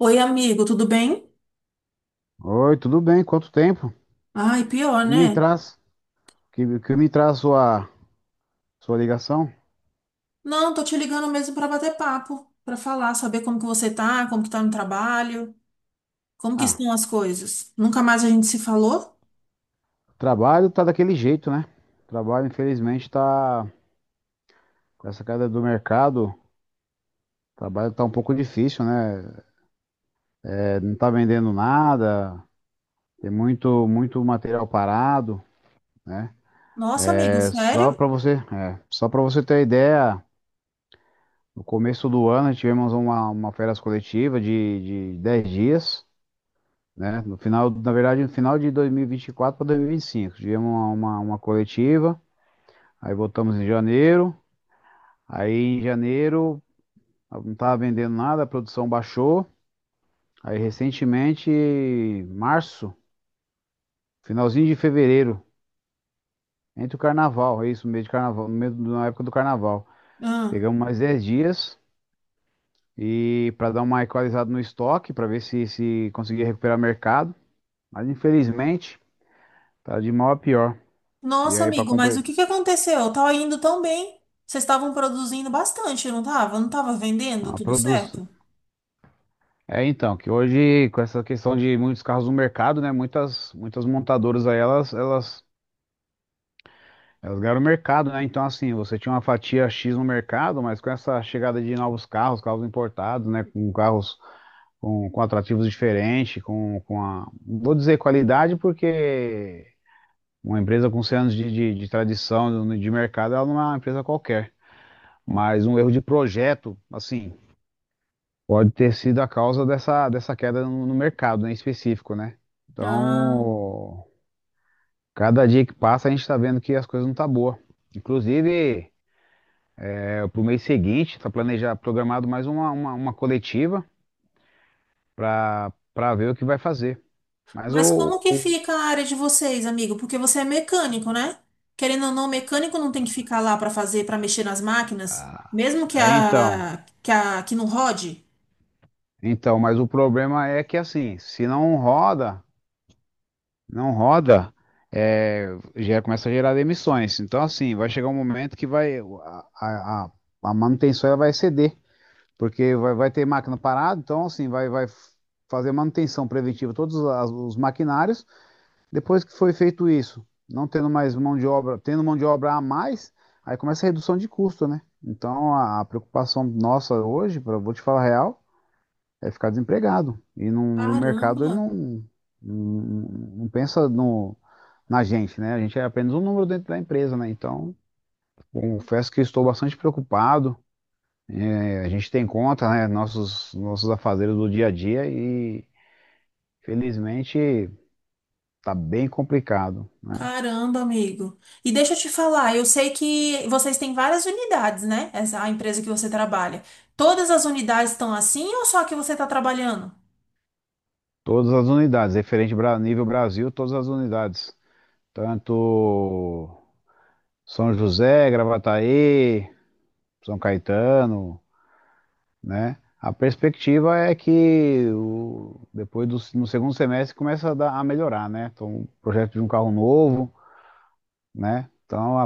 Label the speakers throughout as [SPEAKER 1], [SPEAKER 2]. [SPEAKER 1] Oi, amigo, tudo bem?
[SPEAKER 2] Oi, tudo bem? Quanto tempo?
[SPEAKER 1] Ai, pior,
[SPEAKER 2] Que me
[SPEAKER 1] né?
[SPEAKER 2] traz? Que me traz sua ligação?
[SPEAKER 1] Não, tô te ligando mesmo pra bater papo, pra falar, saber como que você tá, como que tá no trabalho, como que
[SPEAKER 2] Ah,
[SPEAKER 1] estão as coisas. Nunca mais a gente se falou?
[SPEAKER 2] o trabalho tá daquele jeito, né? O trabalho, infelizmente, tá com essa queda do mercado. O trabalho tá um pouco difícil, né? É, não tá vendendo nada. Tem muito muito material parado, né?
[SPEAKER 1] Nossa, amigo,
[SPEAKER 2] É só
[SPEAKER 1] sério?
[SPEAKER 2] para você, só para você ter ideia, no começo do ano tivemos uma férias coletiva de 10 dias. Né? No final, na verdade, no final de 2024 para 2025. Tivemos uma coletiva, aí voltamos em janeiro. Aí em janeiro não estava vendendo nada, a produção baixou. Aí recentemente, março, finalzinho de fevereiro, entre o carnaval, é isso, no meio de carnaval, no meio da época do carnaval.
[SPEAKER 1] Ah.
[SPEAKER 2] Pegamos mais 10 dias e para dar uma equalizada no estoque, para ver se se conseguia recuperar mercado. Mas infelizmente, tá de mal a pior. E
[SPEAKER 1] Nossa,
[SPEAKER 2] aí para
[SPEAKER 1] amigo, mas o
[SPEAKER 2] completar,
[SPEAKER 1] que que aconteceu? Tava indo tão bem. Vocês estavam produzindo bastante, não tava? Não tava vendendo
[SPEAKER 2] a
[SPEAKER 1] tudo
[SPEAKER 2] produção
[SPEAKER 1] certo?
[SPEAKER 2] é, então, que hoje, com essa questão de muitos carros no mercado, né? Muitas montadoras aí, elas ganharam o mercado, né? Então, assim, você tinha uma fatia X no mercado, mas com essa chegada de novos carros, carros importados, né? Com carros com atrativos diferentes, com a. não Vou dizer qualidade, porque uma empresa com 100 anos de tradição de mercado, ela não é uma empresa qualquer. Mas um erro de projeto, assim. Pode ter sido a causa dessa queda no mercado, né, em específico, né?
[SPEAKER 1] Ah.
[SPEAKER 2] Então, cada dia que passa a gente está vendo que as coisas não estão tá boa. Inclusive, para o mês seguinte, está planejado, programado mais uma coletiva para ver o que vai fazer. Mas
[SPEAKER 1] Mas como que fica a área de vocês, amigo? Porque você é mecânico, né? Querendo ou não, mecânico não tem que ficar lá para fazer, para mexer nas máquinas,
[SPEAKER 2] ah,
[SPEAKER 1] mesmo que
[SPEAKER 2] é, então,
[SPEAKER 1] a que não rode.
[SPEAKER 2] mas o problema é que assim, se não roda, não roda, é, já começa a gerar demissões. Então, assim, vai chegar um momento que vai a, a, a a manutenção ela vai ceder, porque vai ter máquina parada, então, assim, vai fazer manutenção preventiva os maquinários. Depois que foi feito isso, não tendo mais mão de obra, tendo mão de obra a mais, aí começa a redução de custo, né? Então, a preocupação nossa hoje, pra, vou te falar a real, é ficar desempregado. E, não, e o mercado ele
[SPEAKER 1] Caramba,
[SPEAKER 2] não, não, não pensa no, na gente, né? A gente é apenas um número dentro da empresa, né? Então, confesso que estou bastante preocupado. É, a gente tem conta, né? Nossos afazeres do dia a dia e, felizmente, está bem complicado, né?
[SPEAKER 1] caramba, amigo. E deixa eu te falar, eu sei que vocês têm várias unidades, né? Essa a empresa que você trabalha. Todas as unidades estão assim ou só a que você está trabalhando?
[SPEAKER 2] Todas as unidades, referente a nível Brasil, todas as unidades. Tanto São José, Gravataí, São Caetano, né? A perspectiva é que depois no segundo semestre começa a melhorar, né? Então, o projeto de um carro novo, né? Então, a,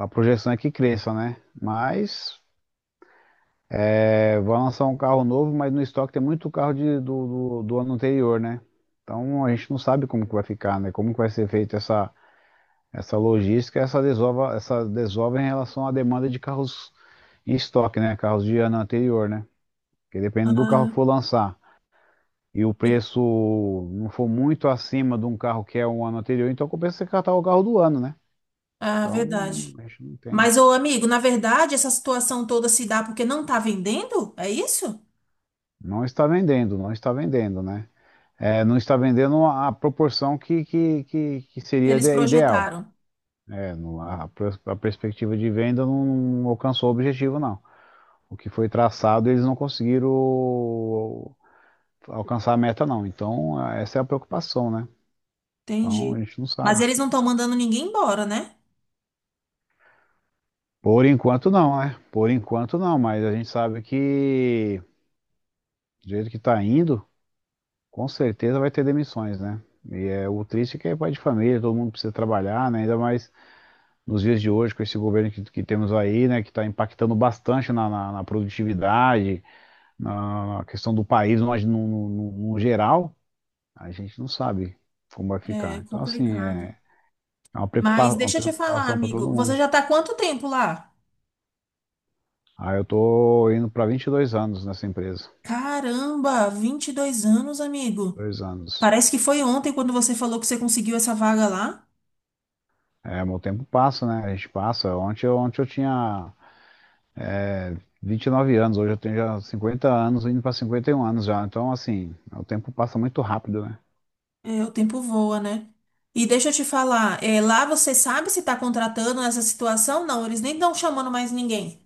[SPEAKER 2] a- a projeção é que cresça, né? Mas é, vai lançar um carro novo, mas no estoque tem muito carro do ano anterior, né? Então, a gente não sabe como que vai ficar, né? Como que vai ser feita essa, essa logística, essa desova em relação à demanda de carros em estoque, né? Carros de ano anterior, né? Porque depende do carro que
[SPEAKER 1] Ah,
[SPEAKER 2] for lançar. E o
[SPEAKER 1] e-
[SPEAKER 2] preço não for muito acima de um carro que é um ano anterior, então compensa você catar o carro do ano, né?
[SPEAKER 1] ah,
[SPEAKER 2] Então,
[SPEAKER 1] verdade.
[SPEAKER 2] a gente não
[SPEAKER 1] Mas,
[SPEAKER 2] entende.
[SPEAKER 1] ô amigo, na verdade, essa situação toda se dá porque não está vendendo? É isso?
[SPEAKER 2] Não está vendendo, não está vendendo, né? É, não está vendendo a proporção que seria
[SPEAKER 1] Eles
[SPEAKER 2] ideal.
[SPEAKER 1] projetaram.
[SPEAKER 2] É, No a, pers- a perspectiva de venda não alcançou o objetivo, não. O que foi traçado, eles não conseguiram alcançar a meta, não. Então, essa é a preocupação, né? Então, a
[SPEAKER 1] Entendi.
[SPEAKER 2] gente não
[SPEAKER 1] Mas
[SPEAKER 2] sabe.
[SPEAKER 1] eles não estão mandando ninguém embora, né?
[SPEAKER 2] Por enquanto não, né? Por enquanto não, mas a gente sabe que do jeito que tá indo, com certeza vai ter demissões, né? E é o triste é que é pai de família, todo mundo precisa trabalhar, né? Ainda mais nos dias de hoje, com esse governo que temos aí, né? Que está impactando bastante na produtividade, na questão do país no geral, a gente não sabe como vai
[SPEAKER 1] É
[SPEAKER 2] ficar. Então, assim,
[SPEAKER 1] complicado.
[SPEAKER 2] é, é uma
[SPEAKER 1] Mas
[SPEAKER 2] uma
[SPEAKER 1] deixa eu te falar,
[SPEAKER 2] preocupação para todo
[SPEAKER 1] amigo. Você
[SPEAKER 2] mundo.
[SPEAKER 1] já tá há quanto tempo lá?
[SPEAKER 2] Ah, eu tô indo para 22 anos nessa empresa.
[SPEAKER 1] Caramba, 22 anos, amigo.
[SPEAKER 2] 2 anos.
[SPEAKER 1] Parece que foi ontem quando você falou que você conseguiu essa vaga lá.
[SPEAKER 2] É, meu tempo passa, né? A gente passa. Ontem, ontem eu tinha é, 29 anos, hoje eu tenho já 50 anos, indo para 51 anos já. Então, assim, o tempo passa muito rápido, né?
[SPEAKER 1] É, o tempo voa, né? E deixa eu te falar, é, lá você sabe se tá contratando nessa situação? Não, eles nem estão chamando mais ninguém.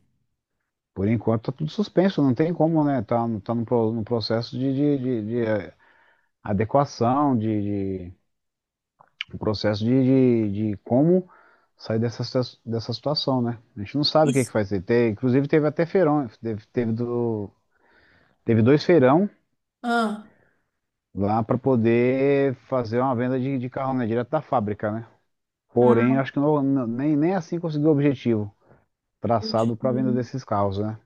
[SPEAKER 2] Por enquanto tá tudo suspenso, não tem como, né? Tá, no processo adequação, de um processo de como sair dessa, dessa situação, né? A gente não sabe o que
[SPEAKER 1] Isso.
[SPEAKER 2] que vai ser. Inclusive teve até feirão, teve dois feirão
[SPEAKER 1] Ah,
[SPEAKER 2] lá para poder fazer uma venda de carro, né, direto da fábrica, né? Porém,
[SPEAKER 1] ah,
[SPEAKER 2] acho que nem assim conseguiu o objetivo
[SPEAKER 1] puxa
[SPEAKER 2] traçado para a venda
[SPEAKER 1] vida.
[SPEAKER 2] desses carros, né?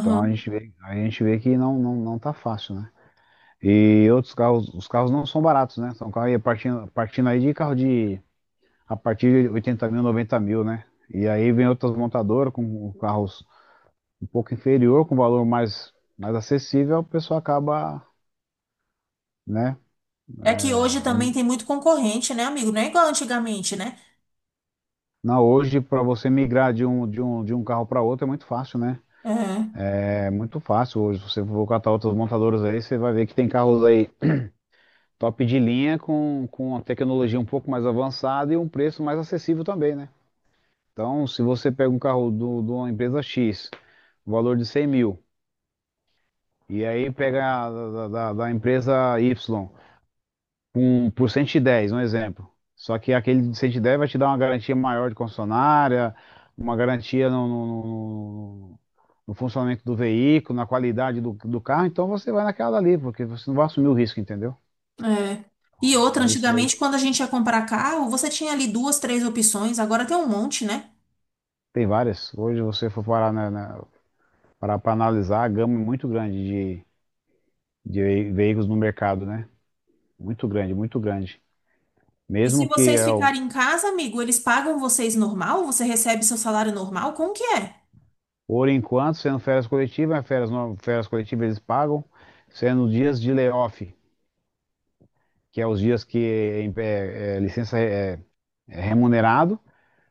[SPEAKER 2] Então a gente vê que não tá fácil, né? E outros carros, os carros não são baratos, né? São carros aí partindo, partindo aí de carro de a partir de 80 mil, 90 mil, né? E aí vem outras montadoras com carros um pouco inferior, com valor mais, mais acessível, o pessoal acaba, né,
[SPEAKER 1] É que hoje também tem muito concorrente, né, amigo? Não é igual antigamente, né?
[SPEAKER 2] não, hoje para você migrar de um carro para outro é muito fácil, né?
[SPEAKER 1] É,
[SPEAKER 2] É muito fácil. Hoje, se você for catar outras montadoras aí, você vai ver que tem carros aí top de linha com uma tecnologia um pouco mais avançada e um preço mais acessível também, né? Então, se você pega um carro de uma empresa X, valor de 100 mil, e aí pega a da empresa Y, por 110 um exemplo. Só que aquele de 110 vai te dar uma garantia maior de concessionária, uma garantia no funcionamento do veículo, na qualidade do carro, então você vai naquela ali, porque você não vai assumir o risco, entendeu?
[SPEAKER 1] é. E outra,
[SPEAKER 2] É isso daí
[SPEAKER 1] antigamente, quando a gente ia comprar carro, você tinha ali duas, três opções, agora tem um monte, né?
[SPEAKER 2] tem várias. Hoje você for parar parar para analisar a gama é muito grande de, de veículos no mercado, né? Muito grande, muito grande.
[SPEAKER 1] E se
[SPEAKER 2] Mesmo que
[SPEAKER 1] vocês
[SPEAKER 2] é,
[SPEAKER 1] ficarem em casa, amigo, eles pagam vocês normal? Você recebe seu salário normal? Como que é?
[SPEAKER 2] por enquanto, sendo férias coletivas, férias, férias coletivas eles pagam, sendo dias de layoff, que é os dias que é licença é remunerado,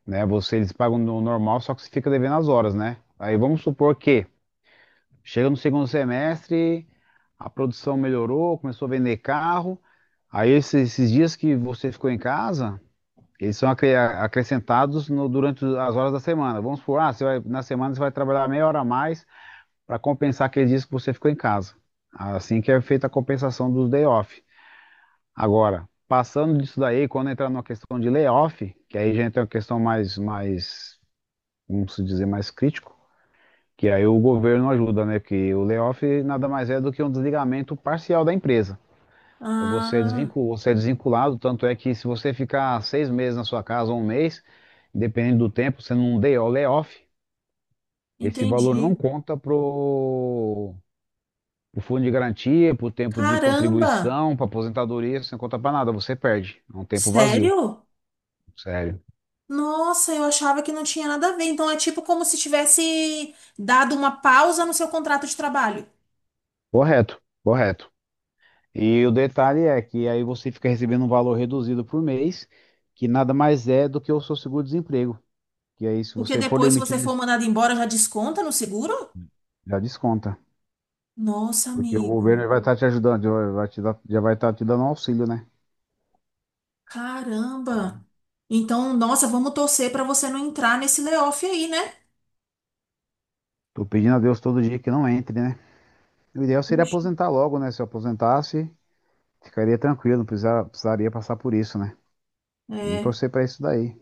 [SPEAKER 2] né? Você eles pagam no normal, só que você fica devendo as horas, né? Aí vamos supor que chega no segundo semestre, a produção melhorou, começou a vender carro, aí esses dias que você ficou em casa, eles são acrescentados durante as horas da semana. Vamos supor, ah, você vai, na semana você vai trabalhar meia hora a mais para compensar aqueles dias que você ficou em casa. Assim que é feita a compensação dos day off. Agora, passando disso daí, quando entrar numa questão de layoff, que aí já entra uma questão mais, vamos dizer, mais crítico, que aí o governo ajuda, né? Porque o layoff nada mais é do que um desligamento parcial da empresa.
[SPEAKER 1] Ah,
[SPEAKER 2] Você é desvinculado, tanto é que se você ficar 6 meses na sua casa, ou um mês, dependendo do tempo, você não deu layoff, esse valor não
[SPEAKER 1] entendi.
[SPEAKER 2] conta pro O fundo de garantia, pro tempo de
[SPEAKER 1] Caramba!
[SPEAKER 2] contribuição, para aposentadoria, você não conta para nada, você perde. É um tempo vazio,
[SPEAKER 1] Sério?
[SPEAKER 2] sério.
[SPEAKER 1] Nossa, eu achava que não tinha nada a ver. Então é tipo como se tivesse dado uma pausa no seu contrato de trabalho.
[SPEAKER 2] Correto, correto. E o detalhe é que aí você fica recebendo um valor reduzido por mês, que nada mais é do que o seu seguro-desemprego. Que aí, se
[SPEAKER 1] Porque
[SPEAKER 2] você for
[SPEAKER 1] depois, se você
[SPEAKER 2] demitido,
[SPEAKER 1] for mandado embora, já desconta no seguro?
[SPEAKER 2] já desconta.
[SPEAKER 1] Nossa,
[SPEAKER 2] Porque o
[SPEAKER 1] amigo.
[SPEAKER 2] governo vai estar te ajudando, já vai estar te dando um auxílio, né?
[SPEAKER 1] Caramba. Então, nossa, vamos torcer para você não entrar nesse layoff aí, né?
[SPEAKER 2] Tô pedindo a Deus todo dia que não entre, né? O ideal seria
[SPEAKER 1] Puxa.
[SPEAKER 2] aposentar logo, né? Se eu aposentasse, ficaria tranquilo, não precisaria passar por isso, né? Vamos
[SPEAKER 1] É.
[SPEAKER 2] torcer pra isso daí.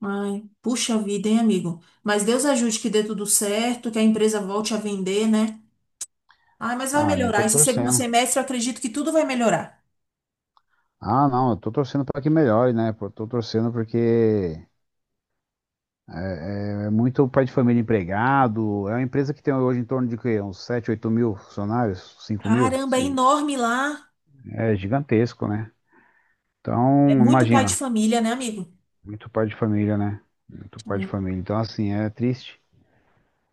[SPEAKER 1] Ai, puxa vida, hein, amigo? Mas Deus ajude que dê tudo certo, que a empresa volte a vender, né? Ai, mas vai
[SPEAKER 2] Ah, eu
[SPEAKER 1] melhorar.
[SPEAKER 2] tô
[SPEAKER 1] Esse segundo
[SPEAKER 2] torcendo.
[SPEAKER 1] semestre eu acredito que tudo vai melhorar.
[SPEAKER 2] Ah, não, eu tô torcendo pra que melhore, né? Pô, tô torcendo porque é muito pai de família empregado. É uma empresa que tem hoje em torno de quê? Uns 7, 8 mil funcionários, 5 mil?
[SPEAKER 1] Caramba, é enorme lá.
[SPEAKER 2] É gigantesco, né?
[SPEAKER 1] É
[SPEAKER 2] Então,
[SPEAKER 1] muito pai de
[SPEAKER 2] imagina,
[SPEAKER 1] família, né, amigo?
[SPEAKER 2] muito pai de família, né? Muito pai de
[SPEAKER 1] É.
[SPEAKER 2] família. Então, assim, é triste.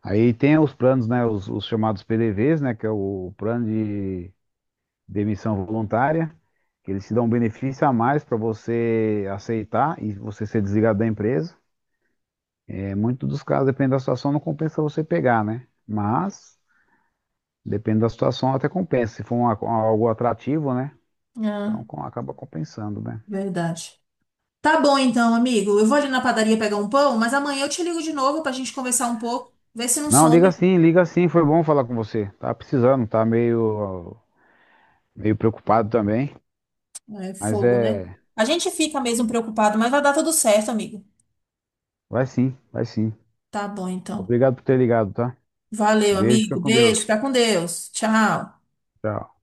[SPEAKER 2] Aí tem os planos, né? Os chamados PDVs, né? Que é o plano de demissão voluntária. Que eles te dão um benefício a mais para você aceitar e você ser desligado da empresa. É, muito dos casos, dependendo da situação, não compensa você pegar, né? Mas, dependendo da situação, até compensa. Se for algo atrativo, né?
[SPEAKER 1] Ah,
[SPEAKER 2] Então acaba compensando, né?
[SPEAKER 1] verdade. Tá bom então, amigo. Eu vou ali na padaria pegar um pão, mas amanhã eu te ligo de novo pra gente conversar um pouco, ver se não
[SPEAKER 2] Não,
[SPEAKER 1] some.
[SPEAKER 2] liga sim, foi bom falar com você. Tá precisando, tá meio preocupado também.
[SPEAKER 1] É
[SPEAKER 2] Mas
[SPEAKER 1] fogo, né?
[SPEAKER 2] é.
[SPEAKER 1] A gente fica mesmo preocupado, mas vai dar tudo certo, amigo.
[SPEAKER 2] Vai sim, vai sim.
[SPEAKER 1] Tá bom então.
[SPEAKER 2] Obrigado por ter ligado, tá?
[SPEAKER 1] Valeu,
[SPEAKER 2] Beijo, fica
[SPEAKER 1] amigo.
[SPEAKER 2] com
[SPEAKER 1] Beijo,
[SPEAKER 2] Deus.
[SPEAKER 1] fica com Deus. Tchau.
[SPEAKER 2] Tchau.